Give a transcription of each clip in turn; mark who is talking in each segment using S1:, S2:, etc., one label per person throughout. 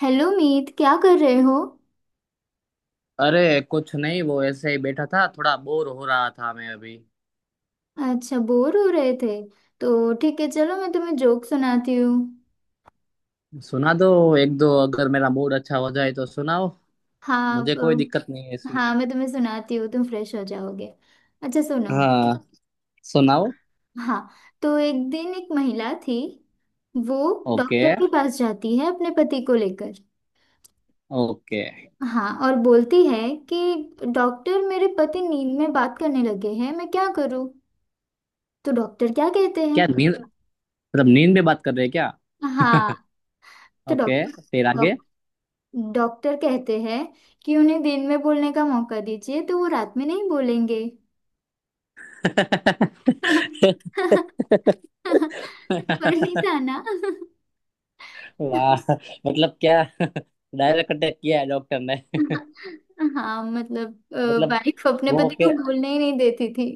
S1: Hello Meet, क्या कर रहे हो।
S2: अरे, कुछ नहीं, वो ऐसे ही बैठा था, थोड़ा बोर हो रहा था मैं अभी।
S1: अच्छा, बोर हो रहे थे, तो ठीक है, चलो मैं तुम्हें जोक सुनाती हूँ।
S2: सुना दो। एक दो अगर मेरा मूड अच्छा हो जाए तो सुनाओ।
S1: हाँ
S2: मुझे कोई दिक्कत नहीं है इसमें।
S1: हाँ, मैं तुम्हें सुनाती हूँ, तुम फ्रेश हो जाओगे। अच्छा सुनो।
S2: हाँ, सुनाओ।
S1: हाँ, तो एक दिन एक महिला थी। वो
S2: ओके
S1: डॉक्टर के पास जाती है अपने पति को लेकर।
S2: ओके।
S1: हाँ, और बोलती है कि डॉक्टर, मेरे पति नींद में बात करने लगे हैं, मैं क्या करूँ। तो डॉक्टर क्या कहते हैं।
S2: क्या नींद? मतलब नींद में बात कर रहे हैं क्या?
S1: हाँ, तो
S2: ओके,
S1: डॉक्टर
S2: फिर आगे।
S1: डॉक्टर कहते हैं कि उन्हें दिन में बोलने का मौका दीजिए तो वो रात में नहीं बोलेंगे। पर नहीं था ना।
S2: वाह! मतलब क्या, डायरेक्ट अटैक किया है डॉक्टर ने।
S1: हाँ, मतलब
S2: मतलब
S1: वाइफ अपने
S2: वो,
S1: पति को
S2: ओके।
S1: बोलने ही नहीं देती थी।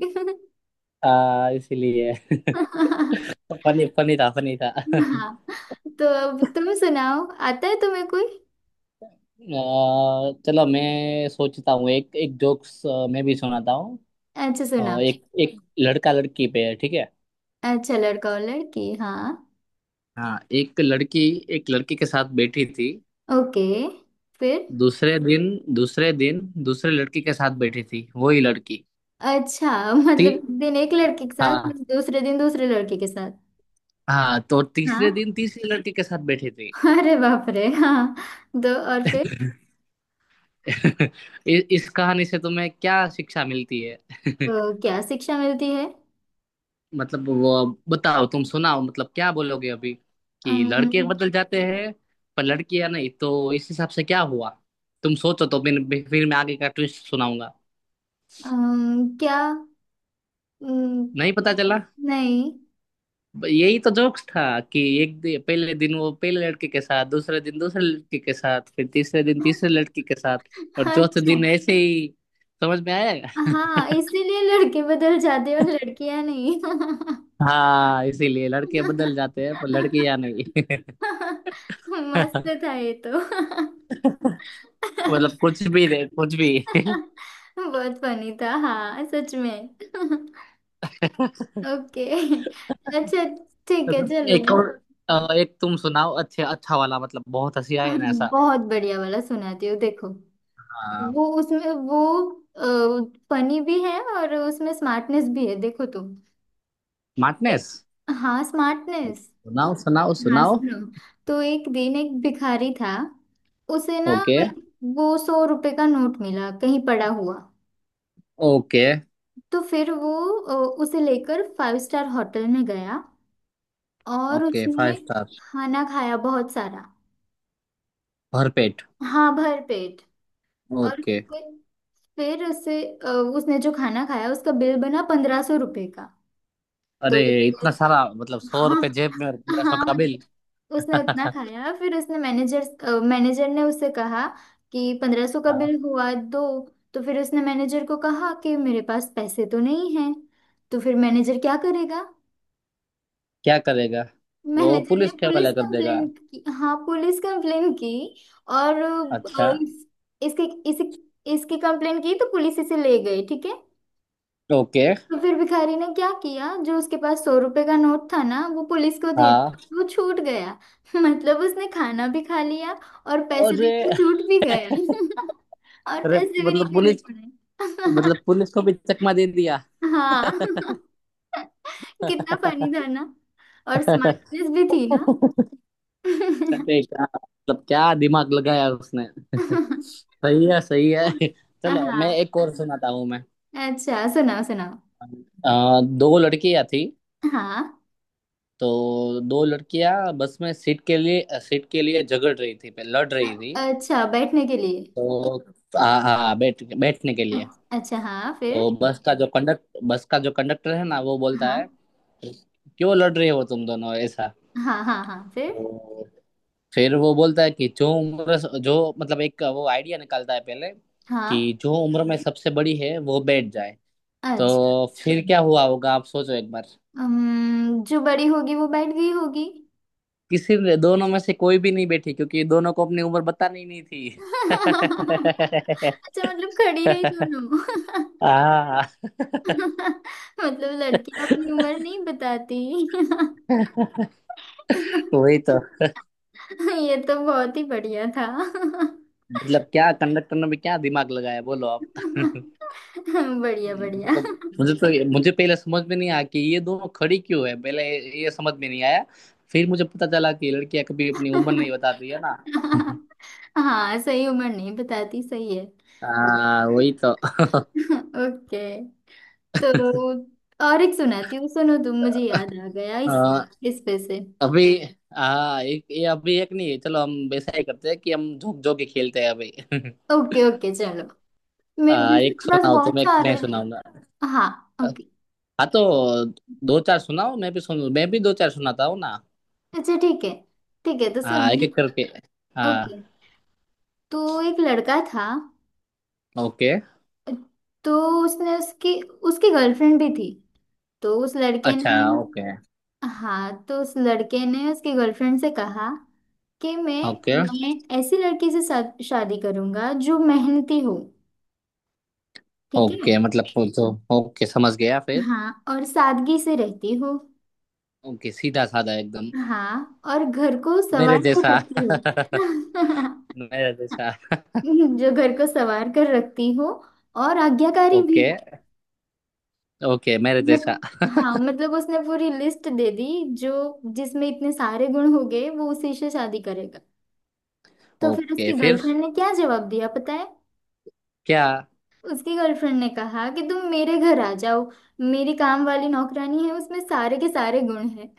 S2: इसीलिए।
S1: हाँ,
S2: फनी फनी था, फनी था।
S1: तो अब तुम सुनाओ, आता है तुम्हें कोई।
S2: चलो मैं सोचता हूँ एक एक जोक्स, मैं भी सुनाता हूँ।
S1: अच्छा सुनाओ।
S2: एक एक लड़का लड़की पे है, ठीक है।
S1: अच्छा, लड़का और लड़की, हाँ।
S2: हाँ, एक लड़की, एक लड़की के साथ बैठी थी।
S1: ओके, फिर।
S2: दूसरे दिन दूसरे दिन दूसरे लड़की के साथ बैठी थी वही लड़की
S1: अच्छा,
S2: थी।
S1: मतलब एक दिन एक लड़के के साथ,
S2: हाँ
S1: दूसरे दिन दूसरे लड़के के साथ।
S2: हाँ, तो तीसरे
S1: हाँ,
S2: दिन तीसरी लड़की के साथ बैठी थी।
S1: अरे बाप रे, हाँ। तो और फिर।
S2: इस कहानी से तुम्हें क्या शिक्षा मिलती है?
S1: तो क्या शिक्षा मिलती है।
S2: मतलब वो बताओ, तुम सुनाओ, मतलब क्या बोलोगे अभी? कि लड़के
S1: अम्म,
S2: बदल जाते हैं पर लड़कियां नहीं, तो इस हिसाब से क्या हुआ? तुम सोचो तो फिर मैं आगे का ट्विस्ट सुनाऊंगा।
S1: क्या। अम्म,
S2: नहीं पता चला?
S1: नहीं।
S2: यही तो जोक्स था, कि एक दिन, पहले दिन वो पहले लड़के के साथ, दूसरे दिन दूसरे लड़के के साथ, फिर तीसरे दिन तीसरे लड़के के साथ, और चौथे
S1: अच्छा,
S2: दिन ऐसे ही। समझ में आएगा।
S1: हाँ, इसीलिए लड़के बदल जाते, और लड़कियां नहीं।
S2: हाँ, इसीलिए लड़के बदल जाते हैं पर लड़कियां नहीं।
S1: मस्त था ये तो।
S2: मतलब कुछ भी रहे, कुछ भी।
S1: बहुत फनी था, हाँ सच में। ओके, अच्छा, ठीक है चलो।
S2: एक और। एक तुम सुनाओ, अच्छे अच्छा वाला, मतलब बहुत हंसी आए ना ऐसा।
S1: बहुत बढ़िया वाला सुनाती हूँ, देखो।
S2: हाँ,
S1: वो उसमें वो फनी भी है, और उसमें स्मार्टनेस भी है, देखो तुम।
S2: मार्टिनेस?
S1: हाँ, स्मार्टनेस।
S2: सुनाओ सुनाओ
S1: हाँ
S2: सुनाओ।
S1: सुनो। तो एक दिन एक भिखारी था। उसे ना
S2: ओके।
S1: वही, वो 100 रुपए का नोट मिला कहीं पड़ा हुआ।
S2: ओके
S1: तो फिर वो अ, उसे लेकर फाइव स्टार होटल में गया, और
S2: ओके, फाइव
S1: उसने
S2: स्टार।
S1: खाना खाया बहुत सारा।
S2: भरपेट।
S1: हाँ, भर पेट। और
S2: ओके।
S1: फिर, उसे उसने जो खाना खाया उसका बिल बना 1500 रुपए का। तो
S2: अरे, इतना
S1: फिर,
S2: सारा? मतलब सौ
S1: हाँ,
S2: रुपए जेब में और 1500
S1: हाँ,
S2: का बिल!
S1: मतलब उसने उतना खाया। फिर उसने मैनेजर मैनेजर ने उससे कहा कि 1500 का
S2: हाँ,
S1: बिल हुआ, दो। तो फिर उसने मैनेजर को कहा कि मेरे पास पैसे तो नहीं हैं। तो फिर मैनेजर क्या करेगा।
S2: क्या करेगा? वो
S1: मैनेजर ने
S2: पुलिस के
S1: पुलिस
S2: हवाले कर देगा।
S1: कंप्लेन की, हाँ, पुलिस कंप्लेन की। और
S2: अच्छा,
S1: इसके इस, इसकी कंप्लेन की तो पुलिस इसे ले गई, ठीक है।
S2: ओके।
S1: तो फिर भिखारी ने क्या किया, जो उसके पास 100 रुपए का नोट था ना वो पुलिस को दे
S2: हाँ।
S1: दिया, वो छूट गया। मतलब उसने खाना भी खा लिया और पैसे
S2: अरे!
S1: देकर छूट भी गया। और
S2: अरे
S1: पैसे भी नहीं
S2: मतलब
S1: देने
S2: पुलिस, मतलब
S1: पड़े।
S2: पुलिस को भी चकमा दे दिया!
S1: हाँ। कितना फनी था ना, और स्मार्टनेस भी थी ना।
S2: अरे क्या! मतलब क्या दिमाग लगाया उसने! सही है सही है। चलो, मैं
S1: हाँ।
S2: एक और सुनाता हूँ मैं।
S1: अच्छा सुनाओ, सुनाओ।
S2: दो लड़कियां थी,
S1: हाँ,
S2: तो दो लड़कियां बस में सीट के लिए झगड़ रही थी, लड़ रही थी
S1: अ- अच्छा, बैठने के लिए।
S2: तो। हाँ हाँ, बैठने के लिए।
S1: अच्छा हाँ, फिर।
S2: तो बस का जो कंडक्टर है ना, वो बोलता है
S1: हाँ,
S2: क्यों लड़ रहे हो तुम दोनों ऐसा?
S1: हाँ, हाँ, हाँ, फिर।
S2: तो फिर वो बोलता है कि जो मतलब, एक वो आइडिया निकालता है पहले, कि
S1: हाँ,
S2: जो उम्र में सबसे बड़ी है वो बैठ जाए।
S1: अच्छा।
S2: तो फिर क्या हुआ होगा आप सोचो एक बार।
S1: जो बड़ी होगी वो बैठ गई होगी।
S2: किसी ने, दोनों में से कोई भी नहीं बैठी क्योंकि दोनों को अपनी उम्र बतानी नहीं थी।
S1: अच्छा, मतलब खड़ी रही दोनों।
S2: हाँ,
S1: मतलब लड़कियां अपनी उम्र नहीं बताती।
S2: वही तो।
S1: ये तो बहुत ही बढ़िया था।
S2: मतलब क्या कंडक्टर ने भी क्या दिमाग लगाया, बोलो आप!
S1: बढ़िया बढ़िया।
S2: मतलब मुझे तो मुझे पहले समझ में नहीं आया कि ये दोनों खड़ी क्यों है पहले, ये समझ में नहीं आया। फिर मुझे पता चला कि लड़कियां कभी अपनी उम्र नहीं बताती है ना।
S1: हाँ, सही उम्र नहीं बताती, सही है।
S2: हाँ, वही तो।
S1: ओके। तो और एक सुनाती हूँ, सुनो तुम, मुझे याद आ गया इस
S2: हाँ,
S1: इस पे से।
S2: अभी। हाँ, एक ये, अभी एक नहीं है, चलो हम वैसा ही करते हैं कि हम जोक जोक ही खेलते हैं अभी।
S1: ओके, ओके, चलो। मेरे
S2: हाँ,
S1: मेरे
S2: एक
S1: पास
S2: सुनाओ तुम,
S1: बहुत
S2: एक
S1: सारे
S2: मैं
S1: हैं।
S2: सुनाऊंगा।
S1: हाँ, ओके।
S2: हाँ तो दो चार सुनाओ, मैं भी दो चार सुनाता हूँ ना।
S1: अच्छा ठीक है, ठीक है, तो
S2: हाँ,
S1: सुनो।
S2: एक एक करके। हाँ।
S1: ओके, तो एक लड़का था।
S2: ओके।
S1: तो उसने उसकी उसकी गर्लफ्रेंड भी थी। तो उस लड़के
S2: अच्छा।
S1: ने।
S2: ओके
S1: हाँ, तो उस लड़के ने उसकी गर्लफ्रेंड से कहा कि मैं
S2: ओके
S1: मैं ऐसी लड़की से शादी करूंगा जो मेहनती हो, ठीक है।
S2: ओके, मतलब पूछो। ओके, समझ गया फिर।
S1: हाँ, और सादगी से रहती हो।
S2: ओके, सीधा साधा एकदम,
S1: हाँ, और घर को
S2: मेरे
S1: संवार कर
S2: जैसा,
S1: रखती हो।
S2: मेरे जैसा।
S1: जो घर को संवार कर रखती हो, और आज्ञाकारी भी
S2: ओके
S1: हो।
S2: ओके, मेरे
S1: मत,
S2: जैसा।
S1: हाँ, मतलब उसने पूरी लिस्ट दे दी, जो जिसमें इतने सारे गुण हो गए वो उसी से शादी करेगा। तो फिर
S2: ओके,
S1: उसकी
S2: फिर
S1: गर्लफ्रेंड ने क्या जवाब दिया, पता है।
S2: क्या?
S1: उसकी गर्लफ्रेंड ने कहा कि तुम मेरे घर आ जाओ, मेरी काम वाली नौकरानी है, उसमें सारे के सारे गुण हैं।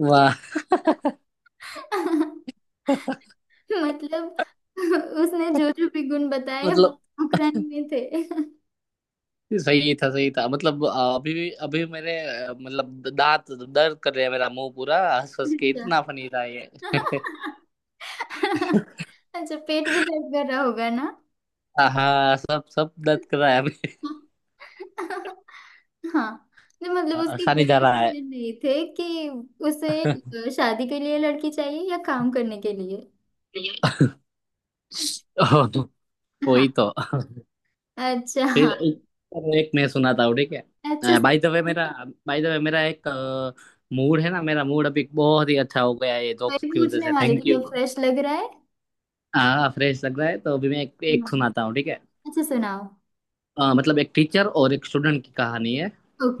S2: वाह!
S1: मतलब उसने जो जो भी गुण बताए वो
S2: मतलब
S1: नौकरानी में थे।
S2: सही था, सही था। मतलब अभी भी मेरे, मतलब दांत दर्द कर रहे हैं, मेरा मुंह पूरा हंस हंस के,
S1: अच्छा।
S2: इतना फनी था ये!
S1: अच्छा, पेट भी दर्द कर रहा होगा ना।
S2: हाँ, सब सब दर्द कर रहा है।
S1: हाँ, नहीं मतलब उसकी
S2: अच्छा, नहीं जा
S1: गोली के
S2: रहा है।
S1: लिए नहीं थे, कि उसे शादी के लिए लड़की चाहिए या काम करने के लिए।
S2: ओह, वही
S1: हाँ,
S2: तो।
S1: अच्छा
S2: फिर
S1: हाँ।
S2: एक मैं सुनाता हूँ, ठीक
S1: अच्छा,
S2: है? बाय द वे मेरा, बाय द वे मेरा एक मूड है ना, मेरा मूड अभी बहुत ही अच्छा हो गया है, ये
S1: मैं
S2: जोक्स की वजह
S1: पूछने
S2: से।
S1: वाली थी,
S2: थैंक
S1: क्या
S2: यू।
S1: फ्रेश लग रहा है।
S2: हाँ, फ्रेश लग रहा है। तो अभी मैं एक
S1: नहीं।
S2: सुनाता हूँ, ठीक है।
S1: अच्छा सुनाओ।
S2: मतलब एक टीचर और एक स्टूडेंट की कहानी है,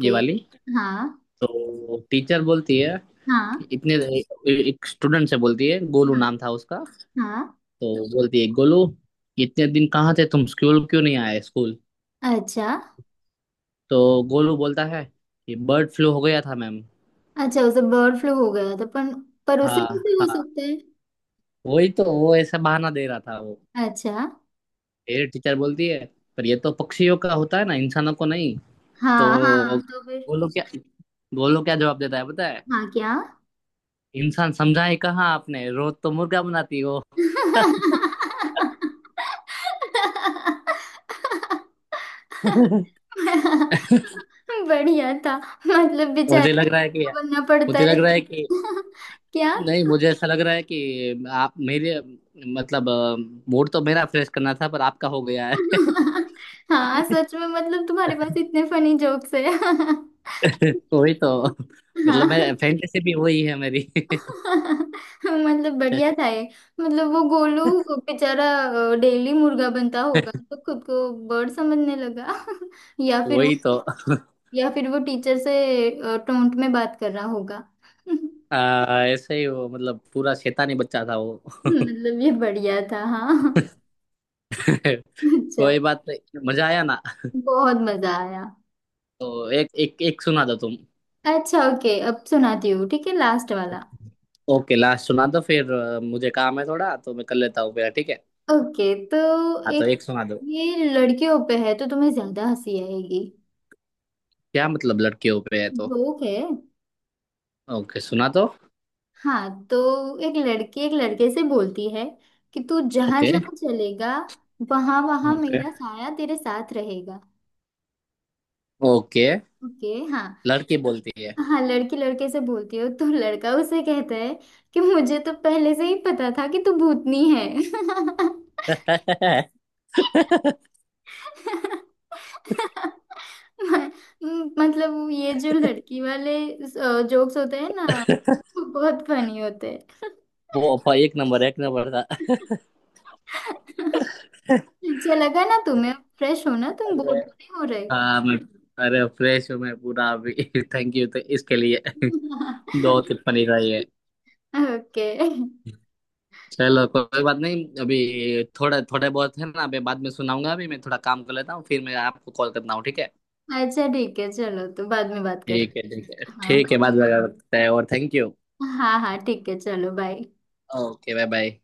S2: ये वाली।
S1: हाँ,
S2: तो टीचर बोलती है
S1: हाँ,
S2: कि इतने, एक स्टूडेंट से बोलती है, गोलू
S1: हाँ,
S2: नाम था उसका,
S1: हाँ।
S2: तो बोलती है गोलू, इतने दिन कहाँ थे तुम, स्कूल क्यों नहीं आए स्कूल?
S1: अच्छा।
S2: तो गोलू बोलता है कि बर्ड फ्लू हो गया था मैम।
S1: अच्छा, उसे बर्ड फ्लू हो गया था, पर उसे
S2: हाँ
S1: कैसे हो
S2: हाँ,
S1: सकता
S2: वही तो, वो ऐसा बहाना दे रहा था वो।
S1: है। अच्छा,
S2: फिर टीचर बोलती है पर ये तो पक्षियों का होता है ना, इंसानों को नहीं।
S1: हाँ,
S2: तो
S1: हाँ, तो फिर।
S2: गोलू क्या गोलू क्या जवाब देता है पता है?
S1: हाँ, क्या।
S2: इंसान समझा ही कहाँ आपने, रोज तो मुर्गा बनाती हो।
S1: बढ़िया था, मतलब
S2: मुझे
S1: बेचारे
S2: लग रहा है कि
S1: को बनना पड़ता
S2: मुझे
S1: है।
S2: लग रहा है कि
S1: क्या।
S2: नहीं, मुझे ऐसा लग रहा है कि आप मेरे, मतलब मूड तो मेरा फ्रेश करना था पर आपका हो गया है।
S1: हाँ सच में, मतलब तुम्हारे पास इतने फनी जोक्स है।
S2: वही तो, मतलब
S1: हाँ।
S2: मैं फैंटेसी भी वही है मेरी।
S1: मतलब बढ़िया था ये। मतलब वो गोलू बेचारा डेली मुर्गा बनता होगा तो खुद को बर्ड समझने लगा। या फिर वो
S2: वही तो।
S1: या फिर वो टीचर से टोंट में बात कर रहा होगा।
S2: ऐसे ही वो, मतलब पूरा शैतानी बच्चा था वो।
S1: मतलब ये बढ़िया था, हाँ।
S2: कोई
S1: अच्छा।
S2: बात नहीं, मजा आया ना?
S1: बहुत मजा आया।
S2: तो एक एक एक सुना दो तुम।
S1: अच्छा ओके, अब सुनाती हूँ, ठीक है, लास्ट वाला।
S2: ओके, लास्ट सुना दो फिर, मुझे काम है थोड़ा, तो मैं कर लेता हूँ पहले, ठीक है।
S1: ओके, तो
S2: हाँ तो
S1: एक,
S2: एक सुना दो।
S1: ये लड़कियों पे है तो तुम्हें ज्यादा हंसी आएगी।
S2: क्या मतलब लड़कियों पे है तो?
S1: जोक है।
S2: ओके सुना दो।
S1: हाँ, तो एक लड़की एक लड़के से बोलती है कि तू जहां
S2: ओके।
S1: जहां चलेगा वहां वहां
S2: ओके
S1: मेरा साया तेरे साथ रहेगा।
S2: ओके,
S1: ओके, हाँ।
S2: लड़की बोलती है।
S1: हाँ, लड़की लड़के से बोलती हो तो लड़का उसे कहता है कि मुझे तो पहले से ही पता था कि तू भूतनी है। म- मतलब वो ये जो लड़की वाले जोक्स होते हैं ना वो बहुत फनी होते हैं।
S2: वो अफवाह एक नंबर, एक नंबर था।
S1: अच्छा लगा ना तुम्हें, फ्रेश हो ना, तुम
S2: अरे!
S1: बोर तो नहीं हो रहे।
S2: हाँ, मैं, अरे फ्रेश हूँ मैं पूरा अभी! थैंक यू तो इसके लिए। दो टिप्पणी रही है।
S1: ओके।
S2: चलो, कोई बात नहीं, अभी थोड़ा थोड़े बहुत है ना, अभी बाद में सुनाऊंगा। अभी मैं थोड़ा काम कर लेता हूँ, फिर मैं आपको कॉल करता हूँ, ठीक है?
S1: अच्छा ठीक है, चलो, तो बाद में बात
S2: ठीक है
S1: करते।
S2: ठीक है
S1: हाँ,
S2: ठीक
S1: बाय
S2: है, बाद
S1: बाय।
S2: में बात करते हैं। और थैंक यू।
S1: हाँ, हाँ, ठीक है, चलो बाय।
S2: Okay, bye bye.